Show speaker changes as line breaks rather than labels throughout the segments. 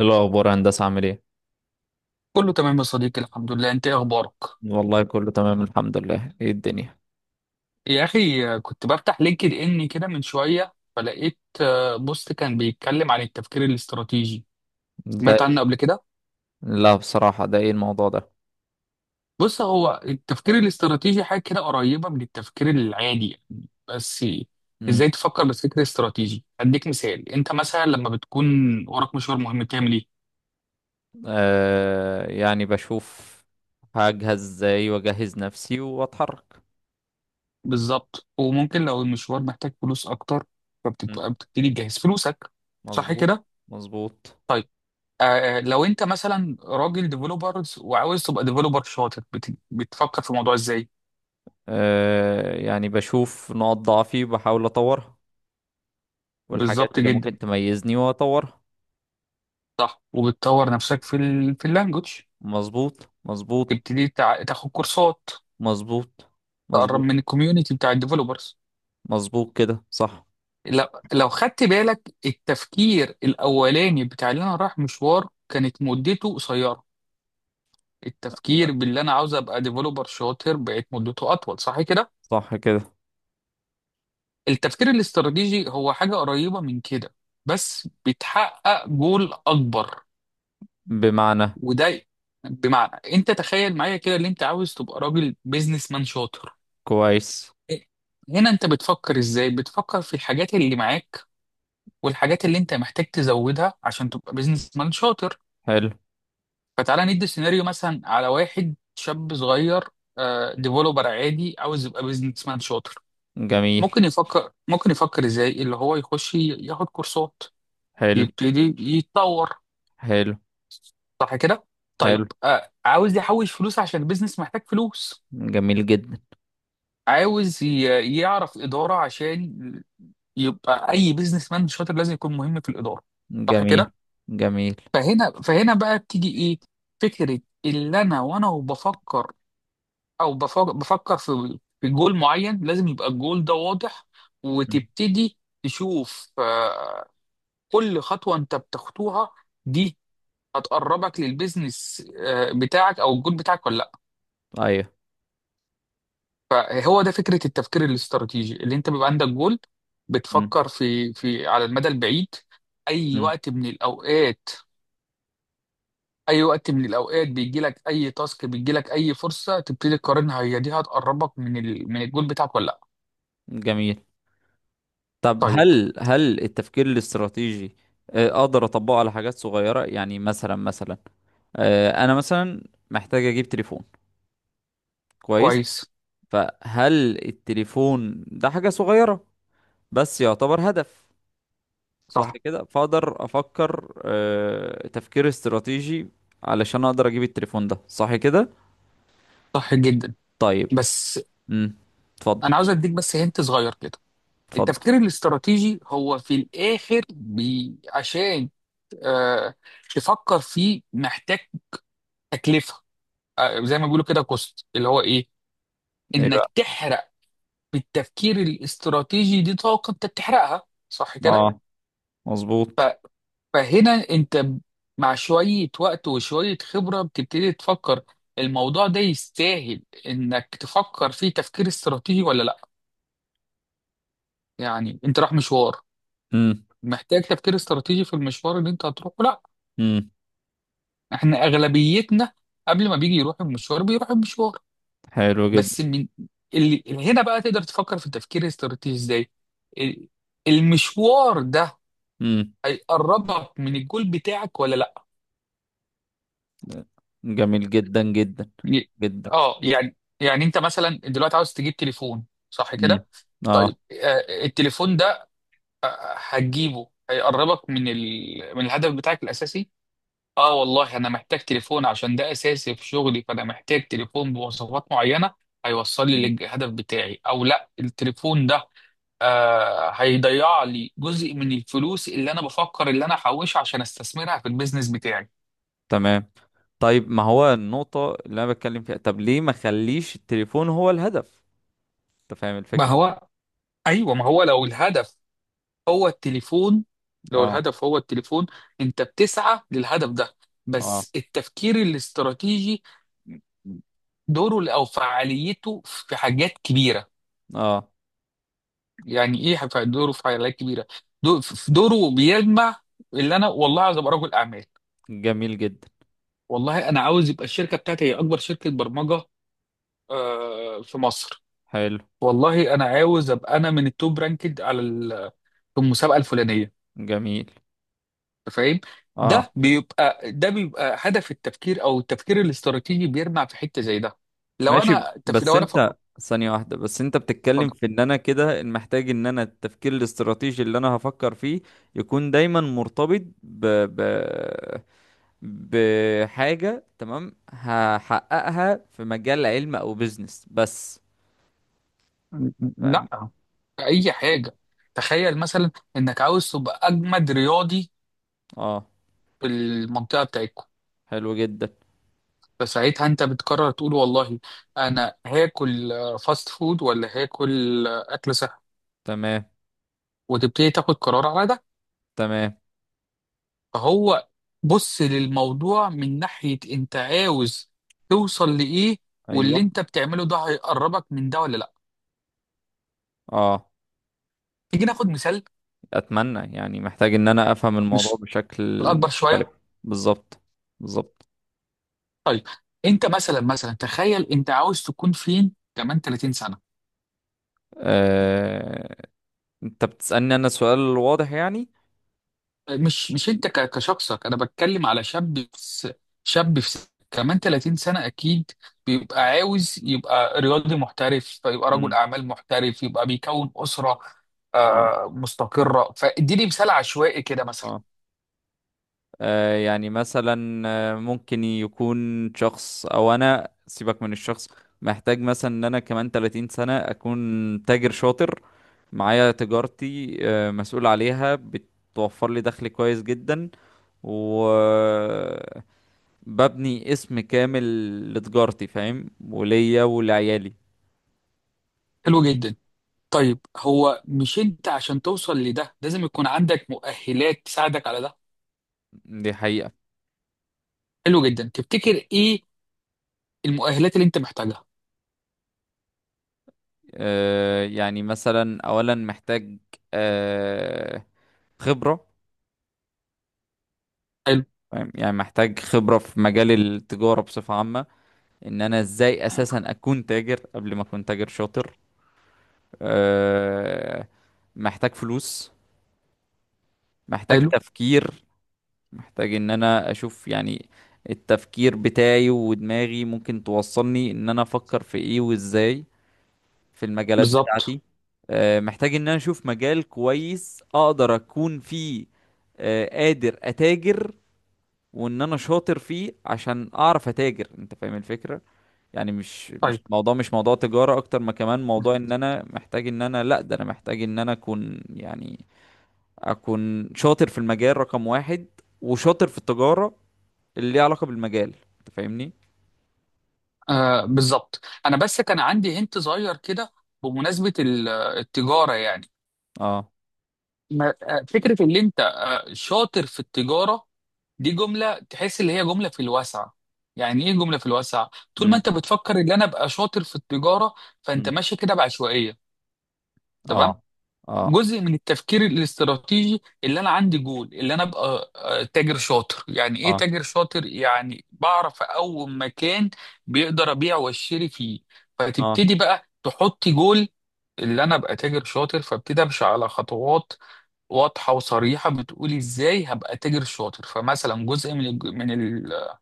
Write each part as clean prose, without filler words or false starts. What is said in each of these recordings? إيه الأخبار يا هندسة، عامل ايه؟
كله تمام يا صديقي، الحمد لله. انت ايه اخبارك؟
والله كله تمام الحمد لله، ايه الدنيا؟
يا اخي، كنت بفتح لينكد ان كده من شويه فلقيت بوست كان بيتكلم عن التفكير الاستراتيجي.
ده.
سمعت عنه قبل كده؟
لا بصراحة، ده ايه الموضوع ده؟
بص، هو التفكير الاستراتيجي حاجه كده قريبه من التفكير العادي يعني. بس
مم.
ازاي تفكر بفكر استراتيجي؟ اديك مثال. انت مثلا لما بتكون وراك مشوار مهم بتعمل ايه؟
آه، يعني بشوف، هجهز ازاي واجهز نفسي واتحرك.
بالظبط. وممكن لو المشوار محتاج فلوس اكتر،
مم.
فبتبقى بتبتدي تجهز فلوسك. صح
مظبوط،
كده؟
مظبوط.
طيب. آه، لو انت مثلا راجل ديفلوبرز وعاوز تبقى ديفلوبر شاطر بتفكر في الموضوع ازاي؟
آه، يعني بشوف نقط ضعفي وبحاول اطورها، والحاجات
بالظبط
اللي
جدا.
ممكن تميزني واطورها.
صح، وبتطور نفسك في في اللانجوج،
مظبوط، مظبوط،
تبتدي تاخد كورسات،
مظبوط،
تقرب
مظبوط.
من الكوميونتي بتاع الديفلوبرز.
مظبوط كده، صح.
لو... لو خدت بالك، التفكير الاولاني بتاع اللي انا رايح مشوار كانت مدته قصيره، التفكير باللي انا عاوز ابقى ديفلوبر شاطر بقت مدته اطول. صح كده؟
صح كده.
التفكير الاستراتيجي هو حاجة قريبة من كده، بس بتحقق جول أكبر.
بمعنى.
وده بمعنى، أنت تخيل معايا كده اللي أنت عاوز تبقى راجل بيزنس مان شاطر.
كويس.
هنا أنت بتفكر إزاي؟ بتفكر في الحاجات اللي معاك والحاجات اللي أنت محتاج تزودها عشان تبقى بيزنس مان شاطر.
حلو.
فتعالى ندي سيناريو مثلا على واحد شاب صغير ديفلوبر عادي عاوز يبقى بيزنس مان شاطر.
جميل.
ممكن يفكر إزاي؟ اللي هو يخش ياخد كورسات،
حلو.
يبتدي يتطور.
حلو.
صح كده؟
حلو.
طيب، آه، عاوز يحوش فلوس عشان البيزنس محتاج فلوس.
جميل جدا.
عاوز يعرف إدارة، عشان يبقى أي بيزنس مان شاطر لازم يكون مهم في الإدارة. صح
جميل.
كده؟
جميل.
فهنا بقى بتيجي إيه؟ فكرة. اللي أنا وبفكر بفكر في جول معين، لازم يبقى الجول ده واضح.
مم.
وتبتدي تشوف، كل خطوة أنت بتخطوها دي هتقربك للبيزنس بتاعك او الجول بتاعك ولا لا.
ايوه.
فهو ده فكره التفكير الاستراتيجي، اللي انت بيبقى عندك جول،
مم.
بتفكر في على المدى البعيد. اي
مم.
وقت من الاوقات اي وقت من الاوقات بيجي لك اي تاسك، بيجي لك اي فرصه، تبتدي تقارنها، هي دي هتقربك من من الجول بتاعك ولا لا.
جميل. طب
طيب.
هل التفكير الاستراتيجي، اقدر اطبقه على حاجات صغيرة؟ يعني مثلا، انا مثلا محتاج اجيب تليفون. كويس.
كويس.
فهل التليفون ده حاجة صغيرة بس يعتبر هدف؟ صح
صح
كده. فاقدر افكر تفكير استراتيجي علشان اقدر اجيب التليفون ده، صح كده.
صح جدا.
طيب.
بس
امم اتفضل.
انا عاوز اديك بس هنت صغير كده.
اتفضل.
التفكير الاستراتيجي هو في الاخر عشان آه، تفكر فيه محتاج تكلفه، زي ما بيقولوا كده كوست. اللي هو ايه؟
ايه
انك
بقى؟
تحرق. بالتفكير الاستراتيجي دي طاقه انت بتحرقها. صح كده؟
اه.
ف-
مظبوط.
فهنا انت مع شويه وقت وشويه خبره بتبتدي تفكر الموضوع ده يستاهل انك تفكر فيه تفكير استراتيجي ولا لا. يعني انت رايح مشوار
امم
محتاج تفكير استراتيجي في المشوار اللي انت هتروحه؟ لا.
امم
احنا اغلبيتنا قبل ما بيجي يروح المشوار بيروح المشوار.
حلو جدا.
بس، من اللي هنا بقى تقدر تفكر في التفكير الاستراتيجي ازاي ال- المشوار ده
امم
هيقربك من الجول بتاعك ولا لا.
جميل جدا جدا.
ي-
جدا.
اه، يعني، انت مثلا دلوقتي عاوز تجيب تليفون. صح
امم
كده؟
اه.
طيب، التليفون ده هتجيبه هيقربك من من الهدف بتاعك الاساسي؟ اه والله، انا محتاج تليفون عشان ده اساسي في شغلي، فانا محتاج تليفون بمواصفات معينة هيوصل لي
مم.
للهدف بتاعي او لا. التليفون ده هيضيع لي جزء من الفلوس اللي انا بفكر اللي انا احوشها عشان استثمرها في البيزنس بتاعي.
تمام. طيب، ما هو النقطة اللي انا بتكلم فيها، طب ليه ما خليش التليفون هو الهدف؟ انت فاهم
ما
الفكرة؟
هو، ايوه. ما هو لو الهدف هو التليفون لو
اه،
الهدف هو التليفون، انت بتسعى للهدف ده.
اه،
بس التفكير الاستراتيجي دوره او فعاليته في حاجات كبيره.
اه.
يعني ايه دوره في حاجات كبيره؟ دو- في دوره بيجمع، اللي انا والله عايز ابقى رجل اعمال،
جميل جدا.
والله انا عاوز يبقى الشركه بتاعتي هي اكبر شركه برمجه في مصر،
حلو.
والله انا عاوز ابقى انا من التوب رانكد على في المسابقه الفلانيه.
جميل.
أنت فاهم؟
اه.
ده بيبقى هدف التفكير او التفكير الاستراتيجي، بيرمع في حته زي ده. لو
ماشي،
انا تف...
بس
لو انا فك...
انت ثانية واحدة، بس انت بتتكلم في ان انا كده محتاج ان انا التفكير الاستراتيجي اللي انا هفكر فيه يكون دايما مرتبط بحاجة، تمام، هحققها في مجال علم او بيزنس بس. فاهم؟
لا، في اي حاجه. تخيل مثلا انك عاوز تبقى اجمد رياضي
اه.
في المنطقه بتاعتكم.
حلو جدا.
فساعتها انت بتقرر تقول والله انا هاكل فاست فود ولا هاكل اكل صحي،
تمام.
وتبتدي تاخد قرار على ده.
تمام.
فهو بص للموضوع من ناحية انت عاوز توصل لإيه، واللي
ايوه.
انت بتعمله ده هيقربك من ده ولا لا.
اه.
تيجي ناخد مثال
اتمنى، يعني محتاج ان انا افهم الموضوع
مش
بشكل
الأكبر شوية.
مختلف. بالظبط، بالظبط.
طيب، انت مثلا تخيل، انت عاوز تكون فين كمان 30 سنة؟
آه... انت بتسألني انا سؤال واضح يعني؟
مش انت كشخصك، انا بتكلم على شاب كمان 30 سنة اكيد بيبقى عاوز يبقى رياضي محترف، يبقى رجل
امم
اعمال محترف، يبقى بيكون اسرة
اه.
مستقرة. فاديني مثال عشوائي كده مثلا.
اه. آه، يعني مثلا، ممكن يكون شخص، او انا سيبك من الشخص، محتاج مثلا ان انا كمان 30 سنة اكون تاجر شاطر، معايا تجارتي مسؤول عليها، بتوفر لي دخل كويس جدا، و ببني اسم كامل لتجارتي، فاهم، وليا ولعيالي.
حلو جدا. طيب، هو مش انت عشان توصل لده لازم يكون عندك مؤهلات تساعدك على ده؟
دي حقيقة.
حلو جدا. تفتكر ايه المؤهلات اللي انت محتاجها؟
آه، يعني مثلا اولا محتاج آه، خبرة.
حلو،
فاهم؟ يعني محتاج خبرة في مجال التجارة بصفة عامة، ان انا ازاي اساسا اكون تاجر قبل ما اكون تاجر شاطر. آه، محتاج فلوس. محتاج
حلو.
تفكير. محتاج ان انا اشوف يعني التفكير بتاعي ودماغي ممكن توصلني ان انا افكر في ايه وازاي في المجالات
بالظبط.
بتاعتي. محتاج ان انا اشوف مجال كويس اقدر اكون فيه، قادر اتاجر، وان انا شاطر فيه عشان اعرف اتاجر، انت فاهم الفكرة؟ يعني مش
طيب،
مش موضوع، مش موضوع تجارة اكتر ما كمان موضوع، ان انا محتاج، ان انا لا، ده انا محتاج ان انا اكون، يعني اكون شاطر في المجال رقم واحد وشاطر في التجارة اللي ليها علاقة بالمجال، انت فاهمني؟
آه، بالظبط، انا بس كان عندي هنت صغير كده بمناسبه التجاره يعني.
اه.
فكره ان انت شاطر في التجاره، دي جمله تحس اللي هي جمله في الواسع. يعني ايه جمله في الواسع؟ طول ما انت
امم
بتفكر ان انا ابقى شاطر في التجاره، فانت ماشي كده بعشوائيه. تمام.
اه، اه،
جزء من التفكير الاستراتيجي اللي انا عندي جول اللي انا ابقى تاجر شاطر. يعني ايه
اه،
تاجر شاطر؟ يعني بعرف اقوم مكان بيقدر ابيع واشتري فيه.
اه،
فتبتدي بقى تحطي جول اللي انا ابقى تاجر شاطر، فابتدي امشي على خطوات واضحه وصريحه بتقولي ازاي هبقى تاجر شاطر. فمثلا جزء من الج- من ال-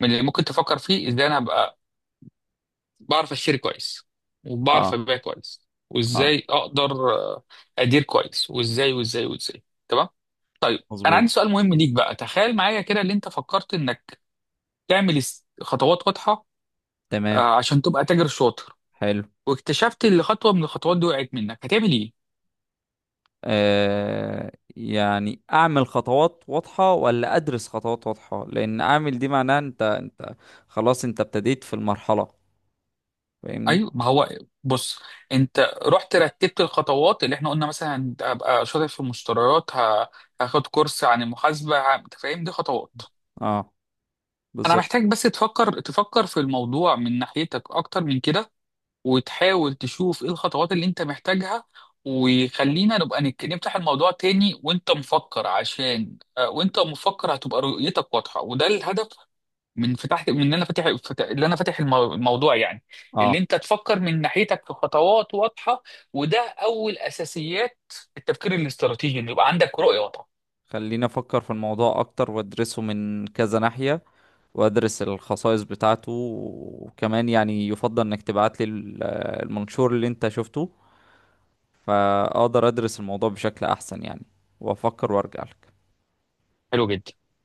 من اللي ممكن تفكر فيه ازاي انا هبقى بعرف اشتري كويس وبعرف
اه،
ابيع كويس،
اه.
وازاي اقدر ادير كويس، وازاي وازاي وازاي. تمام. طيب، انا
مظبوط.
عندي سؤال مهم ليك بقى. تخيل معايا كده، اللي انت فكرت انك تعمل خطوات واضحه
تمام.
عشان تبقى تاجر شاطر،
حلو.
واكتشفت ان خطوه من الخطوات دي وقعت منك، هتعمل ايه؟
آه، يعني اعمل خطوات واضحة ولا ادرس خطوات واضحة؟ لان اعمل دي معناها انت خلاص انت ابتديت في المرحلة، فاهمني؟
ايوه، ما هو. بص، انت رحت رتبت الخطوات اللي احنا قلنا مثلا ابقى شاطر في المشتريات، هاخد كورس عن المحاسبه، انت فاهم، دي خطوات.
اه.
انا
بالظبط.
محتاج بس تفكر في الموضوع من ناحيتك اكتر من كده، وتحاول تشوف ايه الخطوات اللي انت محتاجها. وخلينا نبقى نفتح الموضوع تاني وانت مفكر، عشان وانت مفكر هتبقى رؤيتك واضحة. وده الهدف من فتح من ان انا فاتح اللي انا فاتح الموضوع يعني.
اه.
اللي انت تفكر من ناحيتك في خطوات واضحة. وده اول اساسيات التفكير الاستراتيجي، ان يبقى عندك رؤية واضحة.
خليني افكر في الموضوع اكتر وادرسه من كذا ناحية، وادرس الخصائص بتاعته، وكمان يعني يفضل انك تبعت لي المنشور اللي انت شفته، فاقدر ادرس الموضوع بشكل احسن يعني، وافكر وارجع لك.
حلو جدا.